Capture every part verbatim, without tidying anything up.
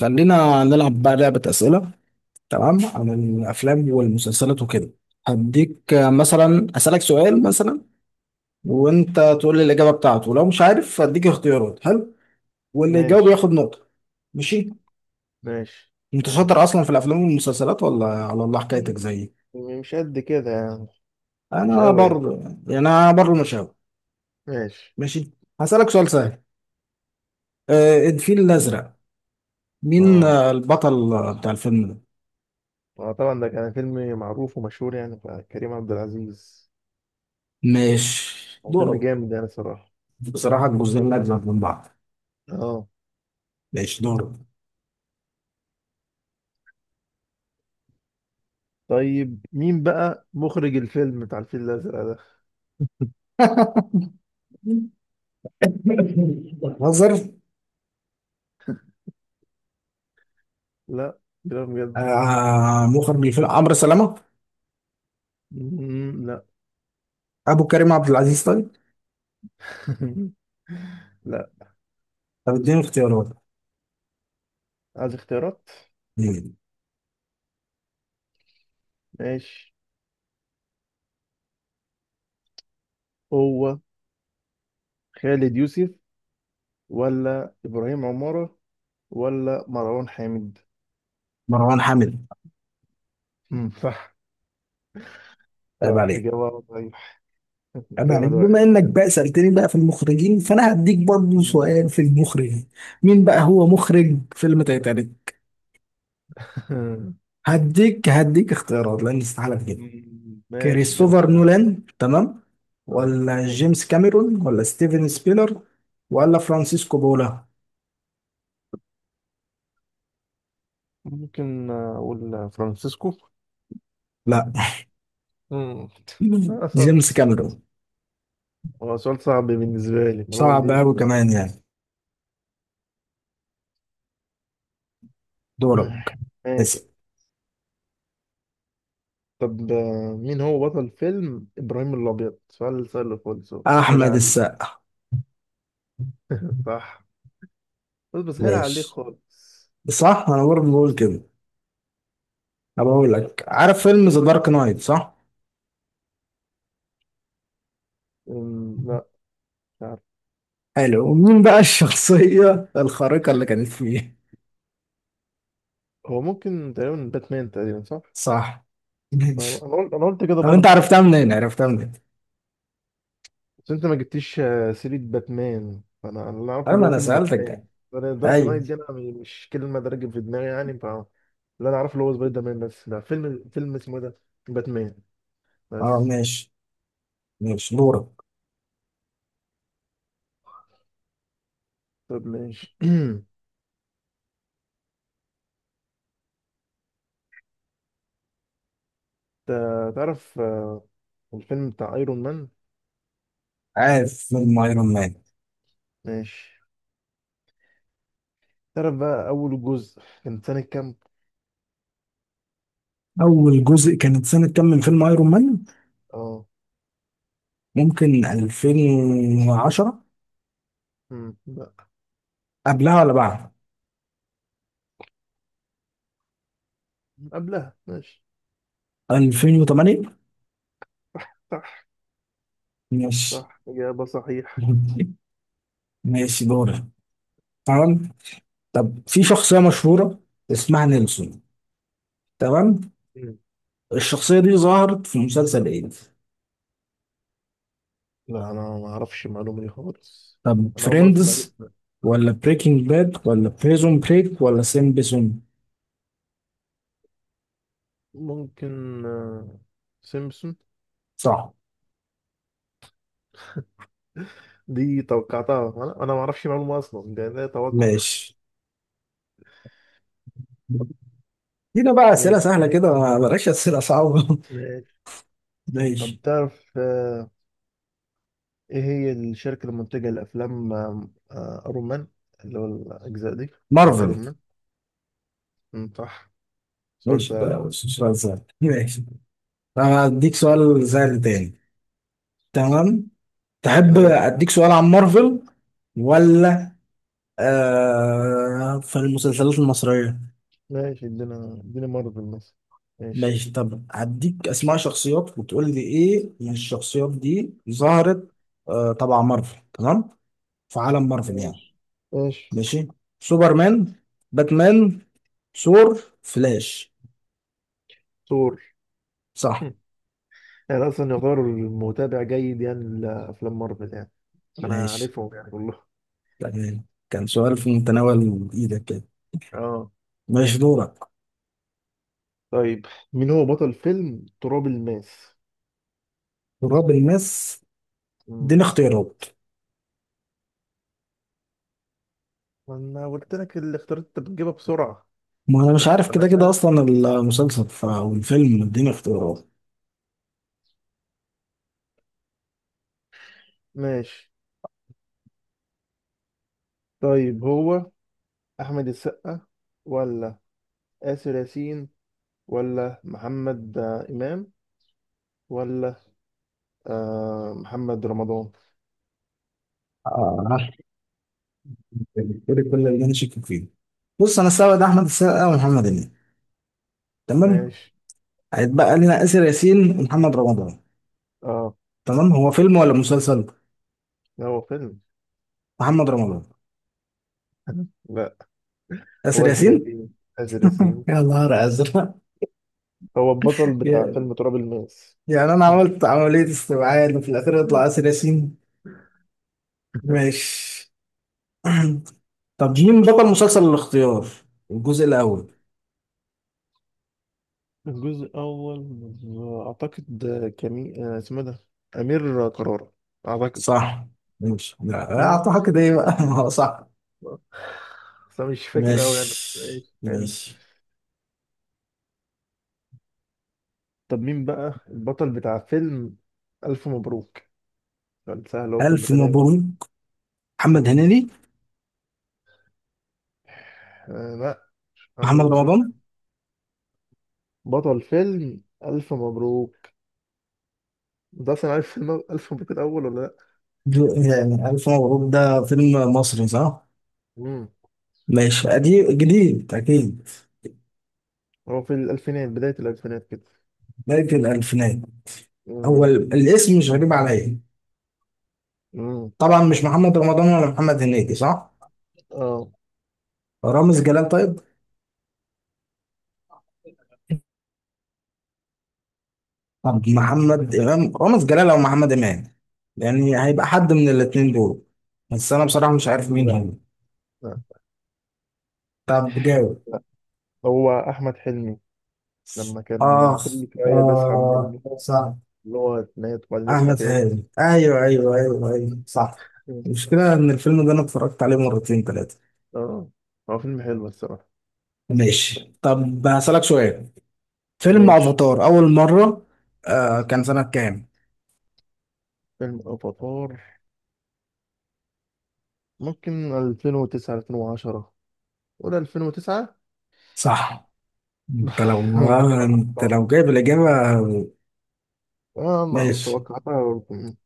خلينا نلعب بقى لعبة أسئلة تمام عن الأفلام والمسلسلات وكده. هديك آه، مثلا أسألك سؤال مثلا وأنت تقول لي الإجابة بتاعته لو مش عارف هديك اختيارات. حلو واللي يجاوب ماشي. ياخد نقطة. ماشي. ماشي. أنت شاطر معاك. أصلا في الأفلام والمسلسلات ولا على الله م- حكايتك زيي؟ مش قد كده يعني. مش أنا قوي يعني. بر يعني أنا بر المشاوي. ماشي. ماشي. هسألك سؤال سهل. آه، الفيل م. الأزرق. مين اه، آه، البطل آه، بتاع الفيلم ده؟ اه، طبعا ده كان فيلم معروف ومشهور يعني بتاع كريم عبد العزيز. ماشي هو فيلم دورك. جامد يعني صراحة. بصراحة الجزئين أجمل من بعض. اه. ماشي دورك. طيب مين بقى مخرج الفيلم بتاع الفيل الأزرق ده؟ بهزر. لا، كلام بجد. آه مخرج الفيلم عمرو سلامة، مم، لا. أبو كريم عبد العزيز طيب. لا، طب اديني اختيارات. عايز اختيارات. مم. ماشي. هو خالد يوسف ولا إبراهيم عمارة ولا مروان حامد. مروان حامد. مم، صح. عيب صح، عليك. إجابة صحيح. عيب كده عليك، واحد بما واحد. إنك بقى سألتني بقى في المخرجين فأنا هديك برضه مم. سؤال في المخرجين. مين بقى هو مخرج فيلم تايتانيك؟ هديك هديك اختيارات لأن استحالة كده. مم. ماشي، ادينا كريستوفر اختيارات. نولان، تمام، آه. ولا جيمس كاميرون ولا ستيفن سبيلر ولا فرانسيسكو بولا؟ ممكن أقول فرانسيسكو. لا مم. لا أصلا. جيمس كاميرون. هو سؤال صعب بالنسبة لي، المعلومة صعب دي مش. أوي كمان يعني. دورك. مم. ماشي. اسأل. طب آه، مين هو بطل فيلم إبراهيم الأبيض؟ سؤال سهل خالص أهو. سهل أحمد عليك. السقا. صح. بس بسهل عليك ماشي. خالص. صح، أنا برضه بقول كده. أنا بقول لك، عارف فيلم ذا دارك نايت صح؟ أم، لا، مش عارف. حلو، ومين بقى الشخصية الخارقة اللي كانت فيه؟ هو ممكن تقريبا باتمان، تقريبا صح؟ صح. أنا ماشي. أنا قلت أنا قلت كده طب أنت برضه. عرفتها منين؟ عرفتها منين؟ بس انت ما جبتيش آه، سيرة باتمان، فانا أنا اللي اعرفه اللي أيوة هو أنا فيلم سألتك باتمان. ده. انا دارك أيوة. نايت دي انا مش كلمة راكب في دماغي يعني، ف اللي انا اعرفه اللي هو سبايدر مان. بس لا، فيلم فيلم اسمه إيه ده، باتمان أه بس. ماشي. ماشي دورك. طب ماشي. تا- تعرف آه، الفيلم بتاع ايرون مان؟ عارف فيلم أيرون مان. ماشي. تعرف بقى اول جزء كان سنة كام؟ أول جزء كانت سنة كام من فيلم أيرون مان؟ اه. ممكن ألفين وعشرة. مم، لا، قبلها ولا بعد؟ قبلها. ماشي. ألفين وتمانية. صح. ماشي صح، اجابة صحيح. ماشي دورة. تمام. طب في شخصية مشهورة اسمها نيلسون، تمام. مم. الشخصية دي ظهرت في مسلسل ايه؟ لا انا ما اعرفش المعلومة دي خالص. طب انا اول مرة اسمع. فريندز ولا بريكنج باد ولا بريزون بريك ولا سيمبسون؟ ممكن، آه، سيمبسون. صح. دي توقعتها، انا انا ما اعرفش معلومه اصلا، ده ده توقع. ماشي. هنا بقى أسئلة ماشي. سهلة كده، ما- بلاش أسئلة صعبة ماشي. طب ماشي. تعرف آه، ايه هي الشركه المنتجه لافلام ايرون مان، اللي هو الاجزاء دي بتاعت مارفل. ايرون مان؟ أمم، صح، سؤال ماشي، سهل ده اهو. مش سؤال سهل. ماشي. طب هديك سؤال سهل تاني، تمام. تحب ماشي. أديك سؤال عن مارفل ولا آه في المسلسلات المصرية؟ ماشي، ادينا ادينا مارفل مثلا. ماشي. ماشي. طب هديك أسماء شخصيات وتقول لي إيه من الشخصيات دي ظهرت. آه طبعا مارفل، تمام، في عالم مارفل يعني. ماشي. ماشي. ماشي. سوبرمان، باتمان، ثور، فلاش. ثور. صح. هم. يعني اصلا يعتبر متابع جيد يعني لافلام مارفل يعني، انا ماشي، عارفهم يعني كلهم. تمام. كان سؤال أمم. في متناول إيدك كده. اه. ماشي دورك. طيب مين هو بطل فيلم تراب الماس؟ تراب الماس. اديني مم. اختيارات. ما انا قلت لك الاختيارات انت بتجيبها بسرعه. ما أنا مش عارف انا كده كده كده. أصلا المسلسل ف- أو الفيلم، اديني اختيارات. ماشي. طيب، هو احمد السقا ولا آسر ياسين ولا محمد آه، امام، ولا آه محمد رمضان؟ آه. بالتالي كل اللي انا شاكك فيه، بص انا استبعد احمد السقا ومحمد هنيدي، تمام. ماشي. هيتبقى لنا اسر ياسين ومحمد رمضان، اه. تمام. هو فيلم ولا مسلسل؟ لا، هو فيلم. محمد رمضان. لا. اسر هو آسر ياسين ياسين، آسر ياسين يا نهار ازرق هو البطل بتاع يا- فيلم تراب الماس. يعني انا عملت عمليه استبعاد وفي الاخير يطلع مم. اسر ياسين. ماشي طب مين بطل مسلسل الاختيار، الجزء الاول؟ الجزء الأول. أعتقد كمي، آه، اسمه إيه ده، أمير كرارة، أعتقد. صح. ماشي، لا مم. اعطاها كده ايه بقى هو صح. بس أنا مش فاكر أوي يعني. ماشي إيش. حلو. ماشي. طب مين بقى البطل بتاع فيلم ألف مبروك؟ كان سهل، هو في الف المتناول. مبروك. محمد مم. هنيدي. آه، لا. محمد محمد المسلسل، رمضان. بطل فيلم ألف مبروك. أنت أصلا عارف فيلم ألف مبروك الأول ولا لأ؟ جو- يعني ألف مبروك ده فيلم مصري صح؟ مم. ماشي، قديم جديد أكيد. هو في الألفينات، بداية الألفينات كده. بداية الألفينات. هو مم. ال- الاسم مش غريب عليا. مم. طبعا مش محمد رمضان ولا محمد هنيدي صح؟ آه، رامز جلال طيب؟ طب محمد إمام، رامز جلال أو محمد إمام، يعني هيبقى حد من الاتنين دول. بس أنا بصراحة مش عارف مين لا، هو. لا، طب جاوب. لا. هو أحمد حلمي، لما كان آخ كل شوية بيصحى من آه النوم، صح. اللي هو يتنيط وبعدين يصحى أحمد تاني. هاني أيوه أيوه أيوه أيوه صح. المشكلة إن الفيلم ده أنا اتفرجت عليه مرتين تلاتة. اه، هو فيلم حلو الصراحة. ماشي. طب هسألك سؤال. فيلم ماشي. افاتار اول مرة آه كان سنة كام؟ فيلم أفاتار، ممكن ألفين وتسعة، ألفين وعشرة، ولا ألفين وتسعة. صح. انت لو انت لو جايب الإجابة. اه، ما ماشي. توقعتها برضه.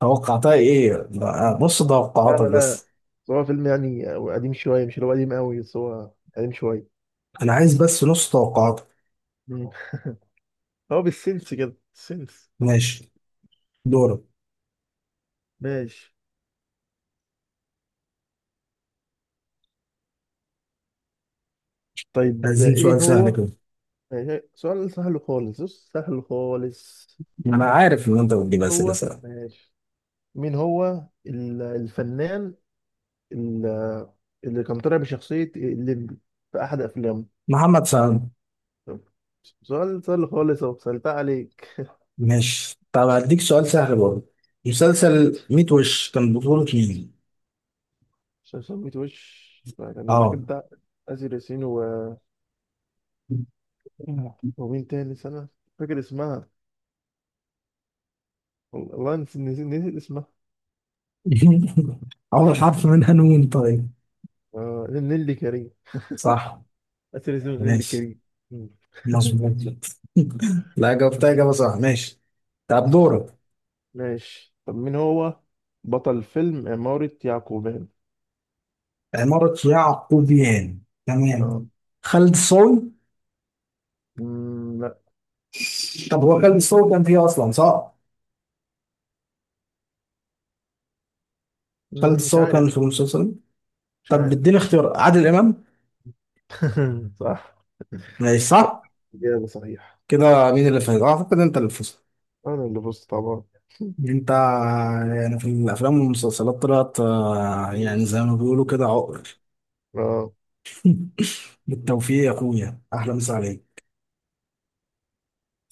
توقعتها ايه بقى؟ مم. نص لا، لا، توقعاتك لا. بس. بس هو فيلم يعني قديم شوية، مش اللي هو قديم قوي، بس هو قديم شوية. انا عايز بس نص توقعاتك. مم. هو بالسنس كده، السنس. ماشي دورك. ماشي. طيب، عايزين ايه سؤال سهل هو. كده. ماشي سؤال سهل خالص، بص سهل خالص. انا عارف ان انت بتجيب إيه اسئلة هو، سهلة. ماشي. مين هو ال- الفنان، ال- اللي كان طالع بشخصية الليمبي في أحد أفلامه؟ محمد سعد. طب، سؤال سهل خالص أهو، سألتها عليك. ماشي. طب هديك سؤال سهل برضه. مسلسل مية وش كان بطولة مين؟ عشان سميت وش كان ده، اه كنت آسر ياسين و... ومين تاني سنة، فاكر اسمها، وال- والله نس- نس- نسيت اسمها. اول حرف منها نون طيب. آه، نيللي كريم. صح. آسر ياسين ونيللي ماشي. كريم. مم. مظبوط. لا، جاوبتها إجابة صح. ماشي. طب دورك. ماشي، طب مين هو بطل فيلم عمارة يعقوبيان؟ عمارة يعقوبيان، اه. تمام. خالد صاوي. مم، لا. طب هو خالد صاوي كان فيه أصلا صح؟ خالد مم، مش صاوي كان عارف. في المسلسل. مش طب عارف. اديني اختيار. عادل إمام. صح. ماشي صح، صح؟ إجابة صحيح. كده مين اللي فاز؟ أعتقد أنت اللي فزت. أنا اللي فزت طبعا. أنت. يعني في الأفلام والمسلسلات طلعت آه، مم. يعني زي ما بيقولوا كده عقر. اه بالتوفيق يا أخويا، أحلى مسا عليك.